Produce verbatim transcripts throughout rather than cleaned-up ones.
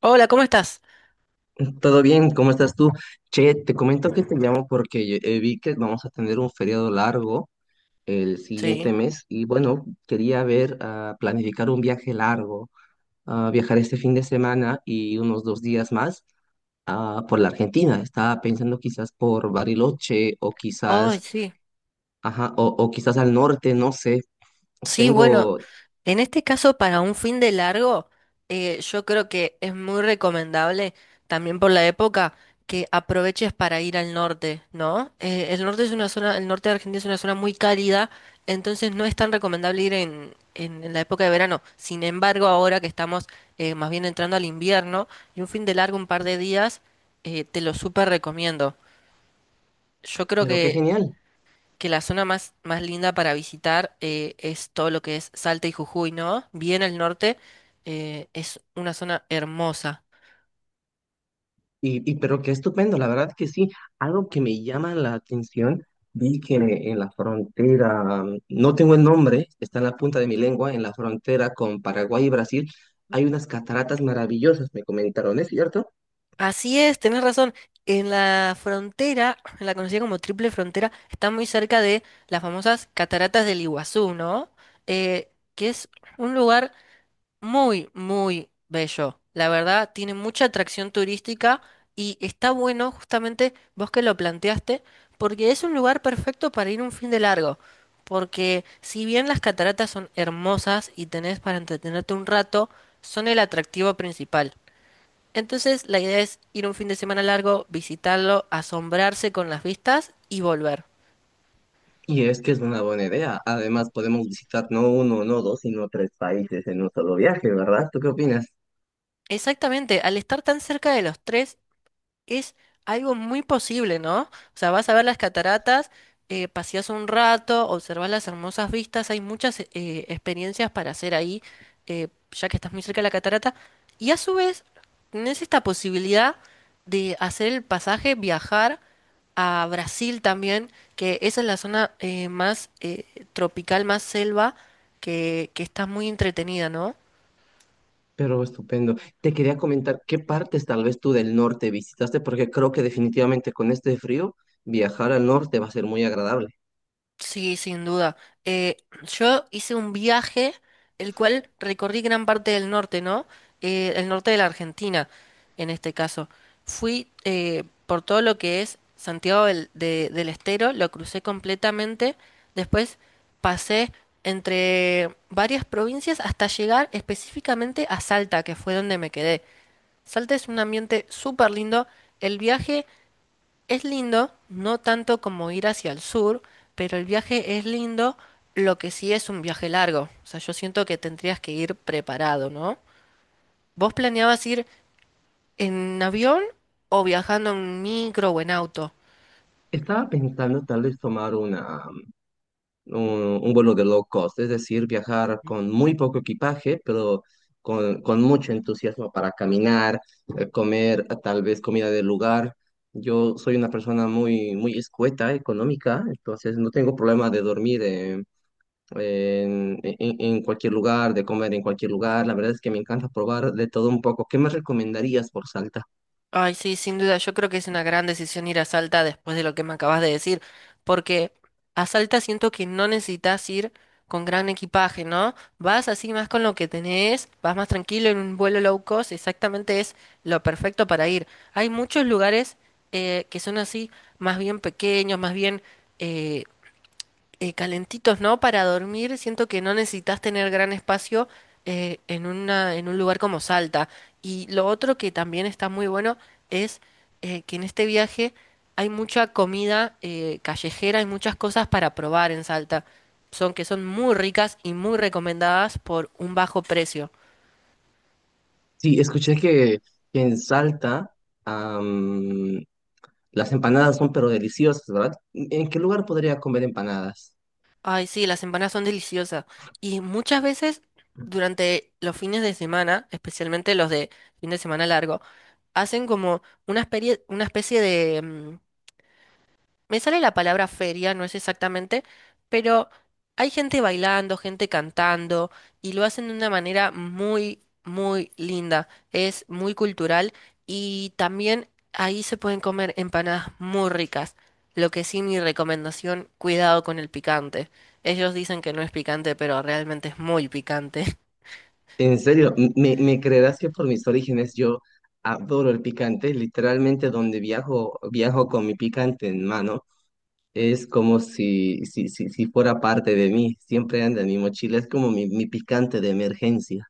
Hola, ¿cómo estás? Todo bien, ¿cómo estás tú? Che, te comento que te llamo porque eh, vi que vamos a tener un feriado largo el Sí. siguiente mes y bueno, quería ver, ah, planificar un viaje largo, ah, viajar este fin de semana y unos dos días más ah, por la Argentina. Estaba pensando quizás por Bariloche o Ay, quizás, sí. ajá, o, o quizás al norte, no sé. Sí, bueno, Tengo, en este caso para un fin de largo, eh, yo creo que es muy recomendable, también por la época, que aproveches para ir al norte, ¿no? Eh, el norte es una zona, el norte de Argentina es una zona muy cálida, entonces no es tan recomendable ir en, en, en la época de verano. Sin embargo, ahora que estamos eh, más bien entrando al invierno y un fin de largo, un par de días, eh, te lo súper recomiendo. Yo creo pero qué que genial. que la zona más, más linda para visitar eh, es todo lo que es Salta y Jujuy, ¿no? Bien al norte, eh, es una zona hermosa. Y, y pero qué estupendo, la verdad que sí, algo que me llama la atención, vi que en la frontera, no tengo el nombre, está en la punta de mi lengua, en la frontera con Paraguay y Brasil, hay unas cataratas maravillosas, me comentaron, ¿es cierto? Así es, tenés razón. En la frontera, en la conocida como Triple Frontera, está muy cerca de las famosas Cataratas del Iguazú, ¿no? Eh, que es un lugar muy, muy bello. La verdad, tiene mucha atracción turística y está bueno justamente vos que lo planteaste, porque es un lugar perfecto para ir un fin de largo. Porque si bien las cataratas son hermosas y tenés para entretenerte un rato, son el atractivo principal. Entonces, la idea es ir un fin de semana largo, visitarlo, asombrarse con las vistas y volver. Y es que es una buena idea, además podemos visitar no uno, no dos, sino tres países en un solo viaje, ¿verdad? ¿Tú qué opinas? Exactamente, al estar tan cerca de los tres, es algo muy posible, ¿no? O sea, vas a ver las cataratas, eh, paseas un rato, observas las hermosas vistas, hay muchas eh, experiencias para hacer ahí, eh, ya que estás muy cerca de la catarata, y a su vez tenés esta posibilidad de hacer el pasaje, viajar a Brasil también, que esa es la zona eh, más eh, tropical, más selva, que, que está muy entretenida, ¿no? Pero estupendo. Te quería comentar qué partes tal vez tú del norte visitaste, porque creo que definitivamente con este frío viajar al norte va a ser muy agradable. Sí, sin duda. Eh, yo hice un viaje, el cual recorrí gran parte del norte, ¿no? Eh, el norte de la Argentina, en este caso. Fui eh, por todo lo que es Santiago del, de- del Estero, lo crucé completamente. Después pasé entre varias provincias hasta llegar específicamente a Salta, que fue donde me quedé. Salta es un ambiente súper lindo. El viaje es lindo, no tanto como ir hacia el sur, pero el viaje es lindo, lo que sí es un viaje largo. O sea, yo siento que tendrías que ir preparado, ¿no? ¿Vos planeabas ir en avión o viajando en micro o en auto? Estaba pensando tal vez tomar una, un, un vuelo de low cost, es decir, viajar con muy poco equipaje, pero con, con mucho entusiasmo para caminar, eh, comer eh, tal vez comida del lugar. Yo soy una persona muy, muy escueta, económica, entonces no tengo problema de dormir eh, en, en, en cualquier lugar, de comer en cualquier lugar. La verdad es que me encanta probar de todo un poco. ¿Qué me recomendarías por Salta? Ay, sí, sin duda, yo creo que es una gran decisión ir a Salta después de lo que me acabas de decir, porque a Salta siento que no necesitas ir con gran equipaje, ¿no? Vas así más con lo que tenés, vas más tranquilo en un vuelo low cost, exactamente es lo perfecto para ir. Hay muchos lugares eh, que son así, más bien pequeños, más bien... eh, eh, calentitos, ¿no? Para dormir, siento que no necesitas tener gran espacio eh, en una, en un lugar como Salta. Y lo otro que también está muy bueno es eh, que en este viaje hay mucha comida eh, callejera, hay muchas cosas para probar en Salta. Son que son muy ricas y muy recomendadas por un bajo precio. Sí, escuché que, que en Salta... Las empanadas son pero deliciosas, ¿verdad? ¿En qué lugar podría comer empanadas? Ay, sí, las empanadas son deliciosas. Y muchas veces durante los fines de semana, especialmente los de fin de semana largo, hacen como una especie, una especie de... mm, me sale la palabra feria, no es exactamente, pero hay gente bailando, gente cantando, y lo hacen de una manera muy, muy linda. Es muy cultural y también ahí se pueden comer empanadas muy ricas. Lo que sí, mi recomendación, cuidado con el picante. Ellos dicen que no es picante, pero realmente es muy picante. En serio, m- ¿me, me creerás que por mis orígenes yo adoro el picante? Literalmente donde viajo, viajo con mi picante en mano. Es como si, si, si, si fuera parte de mí, siempre anda en mi mochila, es como mi, mi picante de emergencia.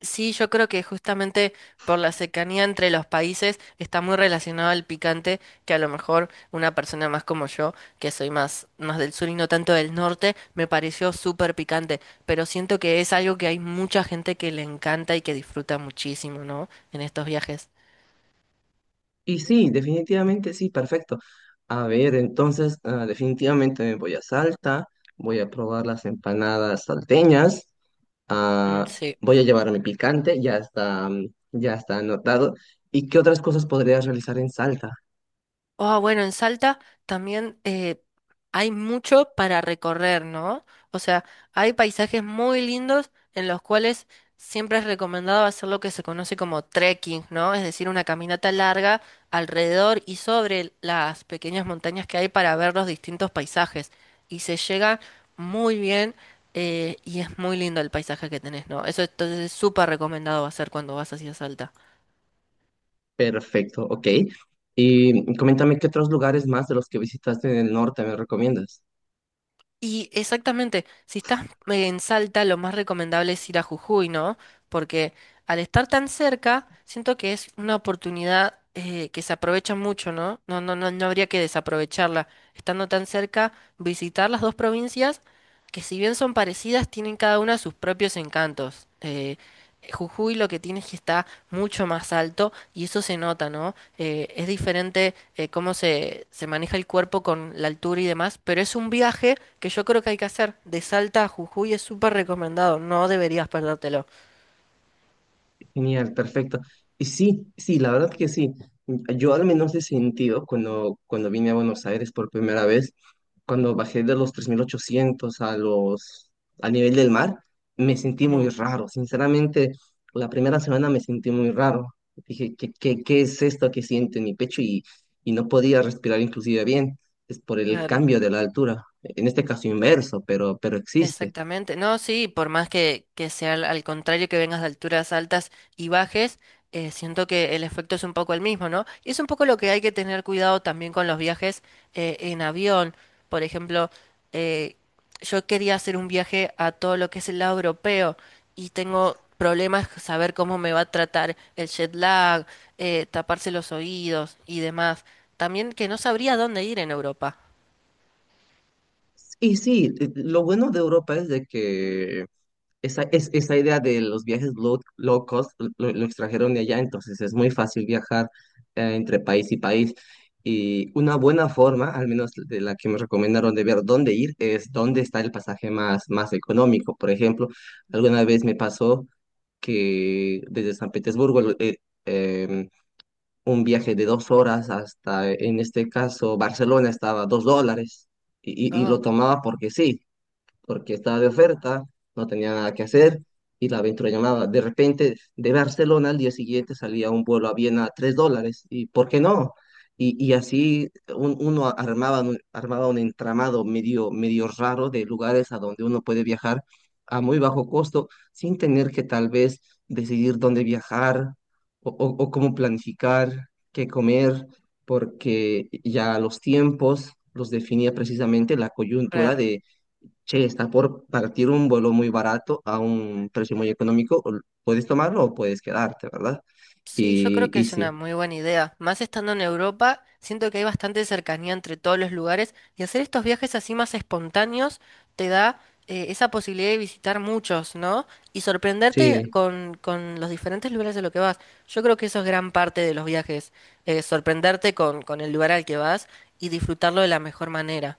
Sí, yo creo que justamente por la cercanía entre los países está muy relacionado al picante, que a lo mejor una persona más como yo, que soy más, más del sur y no tanto del norte, me pareció súper picante, pero siento que es algo que hay mucha gente que le encanta y que disfruta muchísimo, ¿no? En estos viajes. Y sí, definitivamente sí, perfecto. A ver, entonces, ah, definitivamente me voy a Salta, voy a probar las empanadas salteñas. Mm, Ah, sí. voy a llevar mi picante, ya está, mm, ya está anotado. ¿Y qué otras cosas podrías realizar en Salta? Ah, bueno, en Salta también eh, hay mucho para recorrer, ¿no? O sea, hay paisajes muy lindos en los cuales siempre es recomendado hacer lo que se conoce como trekking, ¿no? Es decir, una caminata larga alrededor y sobre las pequeñas montañas que hay para ver los distintos paisajes. Y se llega muy bien eh, y es muy lindo el paisaje que tenés, ¿no? Eso entonces es súper recomendado hacer cuando vas hacia Salta. Perfecto, ok. Y mm, coméntame qué otros lugares más de los que visitaste en el norte me recomiendas. Y exactamente, si estás eh, en Salta, lo más recomendable es ir a Jujuy, ¿no? Porque al estar tan cerca, siento que es una oportunidad eh, que se aprovecha mucho, ¿no? No, no, no, no habría que desaprovecharla. Estando tan cerca, visitar las dos provincias, que si bien son parecidas, tienen cada una sus propios encantos. Eh, Jujuy lo que tiene es que está mucho más alto y eso se nota, ¿no? Eh, es diferente eh, cómo se, se maneja el cuerpo con la altura y demás, pero es un viaje que yo creo que hay que hacer. De Salta a Jujuy es súper recomendado, no deberías perdértelo. Genial, perfecto. Y sí, sí, la verdad que sí. Yo al menos he sentido cuando, cuando vine a Buenos Aires por primera vez, cuando bajé de los tres mil ochocientos a los, al nivel del mar, me sentí muy Ujú. raro. Sinceramente, la primera semana me sentí muy raro. Dije, ¿qué, qué, qué es esto que siento en mi pecho? Y, y no podía respirar inclusive bien. Es por el Claro. cambio de la altura. En este caso inverso, pero, pero existe. Exactamente. No, sí, por más que, que sea al, al contrario, que vengas de alturas altas y bajes, eh, siento que el efecto es un poco el mismo, ¿no? Y es un poco lo que hay que tener cuidado también con los viajes eh, en avión. Por ejemplo, eh, yo quería hacer un viaje a todo lo que es el lado europeo y tengo problemas saber cómo me va a tratar el jet lag, eh, taparse los oídos y demás. También que no sabría dónde ir en Europa. Y sí, eh, lo bueno de Europa es de que esa, es, esa idea de los viajes low, low cost lo, lo extrajeron de allá, entonces es muy fácil viajar eh, entre país y país. Y una buena forma, al menos de la que me recomendaron de ver dónde ir, es dónde está el pasaje más, más económico. Por ejemplo, alguna vez me pasó que desde San Petersburgo lo- eh, em, un viaje de dos horas hasta, en este caso, Barcelona estaba a dos dólares y, y y Ah, lo tomaba porque sí, porque estaba de oferta, no tenía nada que mm, hacer y la aventura llamaba. De repente, de Barcelona al día siguiente salía un vuelo a Viena a tres dólares y ¿por qué no? Y, y así un- uno armaba, un- armaba un entramado medio, medio raro de lugares a donde uno puede viajar a muy bajo costo sin tener que tal vez decidir dónde viajar o, o o cómo planificar, qué comer, porque ya los tiempos los definía precisamente la coyuntura. claro. Che, está por partir un vuelo muy barato a un precio muy económico. o- Puedes tomarlo o puedes quedarte, ¿verdad? Sí, yo creo Y, que y es una sí, muy buena idea. Más estando en Europa, siento que hay bastante cercanía entre todos los lugares y hacer estos viajes así más espontáneos te da eh, esa posibilidad de visitar muchos, ¿no? Y sorprenderte sí, con, con los diferentes lugares a los que vas. Yo creo que eso es gran parte de los viajes, eh, sorprenderte con, con el lugar al que vas y disfrutarlo de la mejor manera.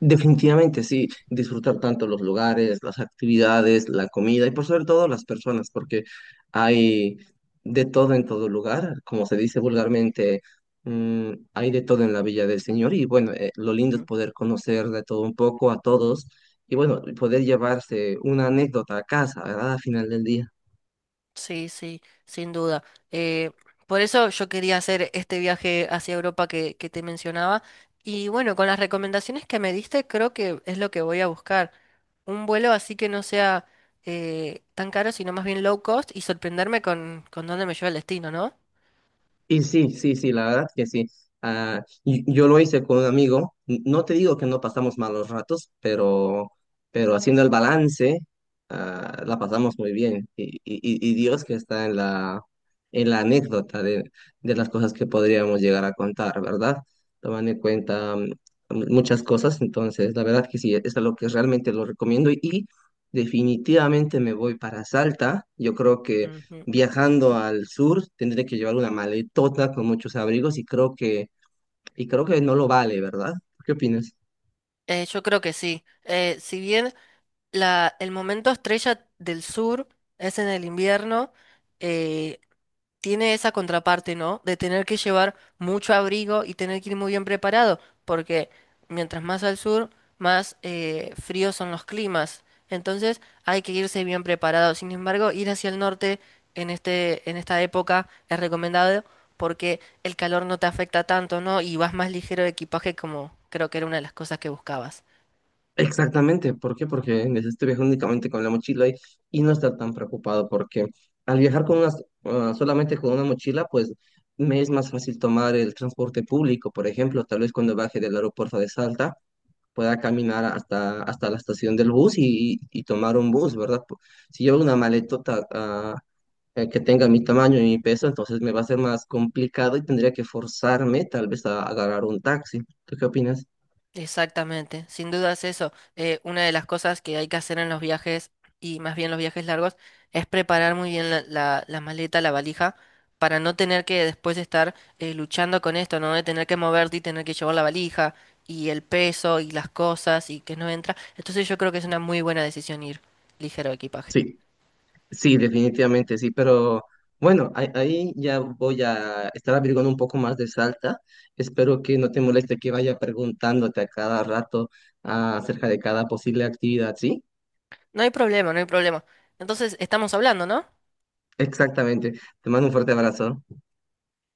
definitivamente sí. Disfrutar tanto los lugares, las actividades, la comida y por sobre todo las personas, porque hay de todo en todo lugar. Como se dice vulgarmente, mm, hay de todo en la Villa del Señor. Y bueno, eh, lo lindo es poder conocer de todo un poco a todos y bueno, poder llevarse una anécdota a casa, ¿verdad? Al final del día. Sí, sí, sin duda. Eh, por eso yo quería hacer este viaje hacia Europa que, que te mencionaba. Y bueno, con las recomendaciones que me diste, creo que es lo que voy a buscar. Un vuelo así que no sea eh, tan caro, sino más bien low cost, y sorprenderme con, con dónde me lleva el destino, ¿no? Y sí, sí, sí, la verdad que sí. Ah, y- y yo lo hice con un amigo. N- No te digo que no pasamos malos ratos, pero, pero haciendo el balance, ah, la pasamos muy bien. Y, y, y y Dios que está en la, en la anécdota de, de las cosas que podríamos llegar a contar, ¿verdad? Tomando en cuenta mm, muchas cosas. Entonces, la verdad que sí, es lo que realmente lo recomiendo. Y, y definitivamente me voy para Salta. Yo creo que Ujú. viajando al sur, tendré que llevar una maletota con muchos abrigos y creo que, y creo que no lo vale, ¿verdad? ¿Qué opinas? Eh, yo creo que sí. Eh, si bien la, el momento estrella del sur es en el invierno, eh, tiene esa contraparte, ¿no? De tener que llevar mucho abrigo y tener que ir muy bien preparado, porque mientras más al sur, más eh, fríos son los climas. Entonces hay que irse bien preparado. Sin embargo, ir hacia el norte en este, en esta época es recomendado porque el calor no te afecta tanto, ¿no? Y vas más ligero de equipaje, como creo que era una de las cosas que buscabas. Exactamente, ¿por qué? Porque necesito viajar únicamente con la mochila y, y no estar tan preocupado porque al viajar con unas- ah, solamente con una mochila, pues me es más fácil tomar el transporte público, por ejemplo, tal vez cuando baje del aeropuerto de Salta pueda caminar hasta, hasta la estación del bus y, y- y tomar un bus, ¿verdad? Po- Si llevo una maletota ah, eh, que tenga mi tamaño y mi peso, entonces me va a ser más complicado y tendría que forzarme tal vez a agarrar un taxi. ¿Tú qué opinas? Exactamente, sin duda es eso. Eh, una de las cosas que hay que hacer en los viajes, y más bien los viajes largos, es preparar muy bien la, la- la maleta, la valija, para no tener que después estar eh, luchando con esto, ¿no? De tener que moverte y tener que llevar la valija y el peso y las cosas y que no entra. Entonces yo creo que es una muy buena decisión ir ligero de equipaje. Sí, sí, definitivamente sí, pero bueno, ahí, ahí ya voy a estar averiguando un poco más de Salta. Espero que no te moleste que vaya preguntándote a cada rato ah, acerca de cada posible actividad, ¿sí? No hay problema, no hay problema. Entonces estamos hablando, ¿no? Exactamente. Te mando un fuerte abrazo.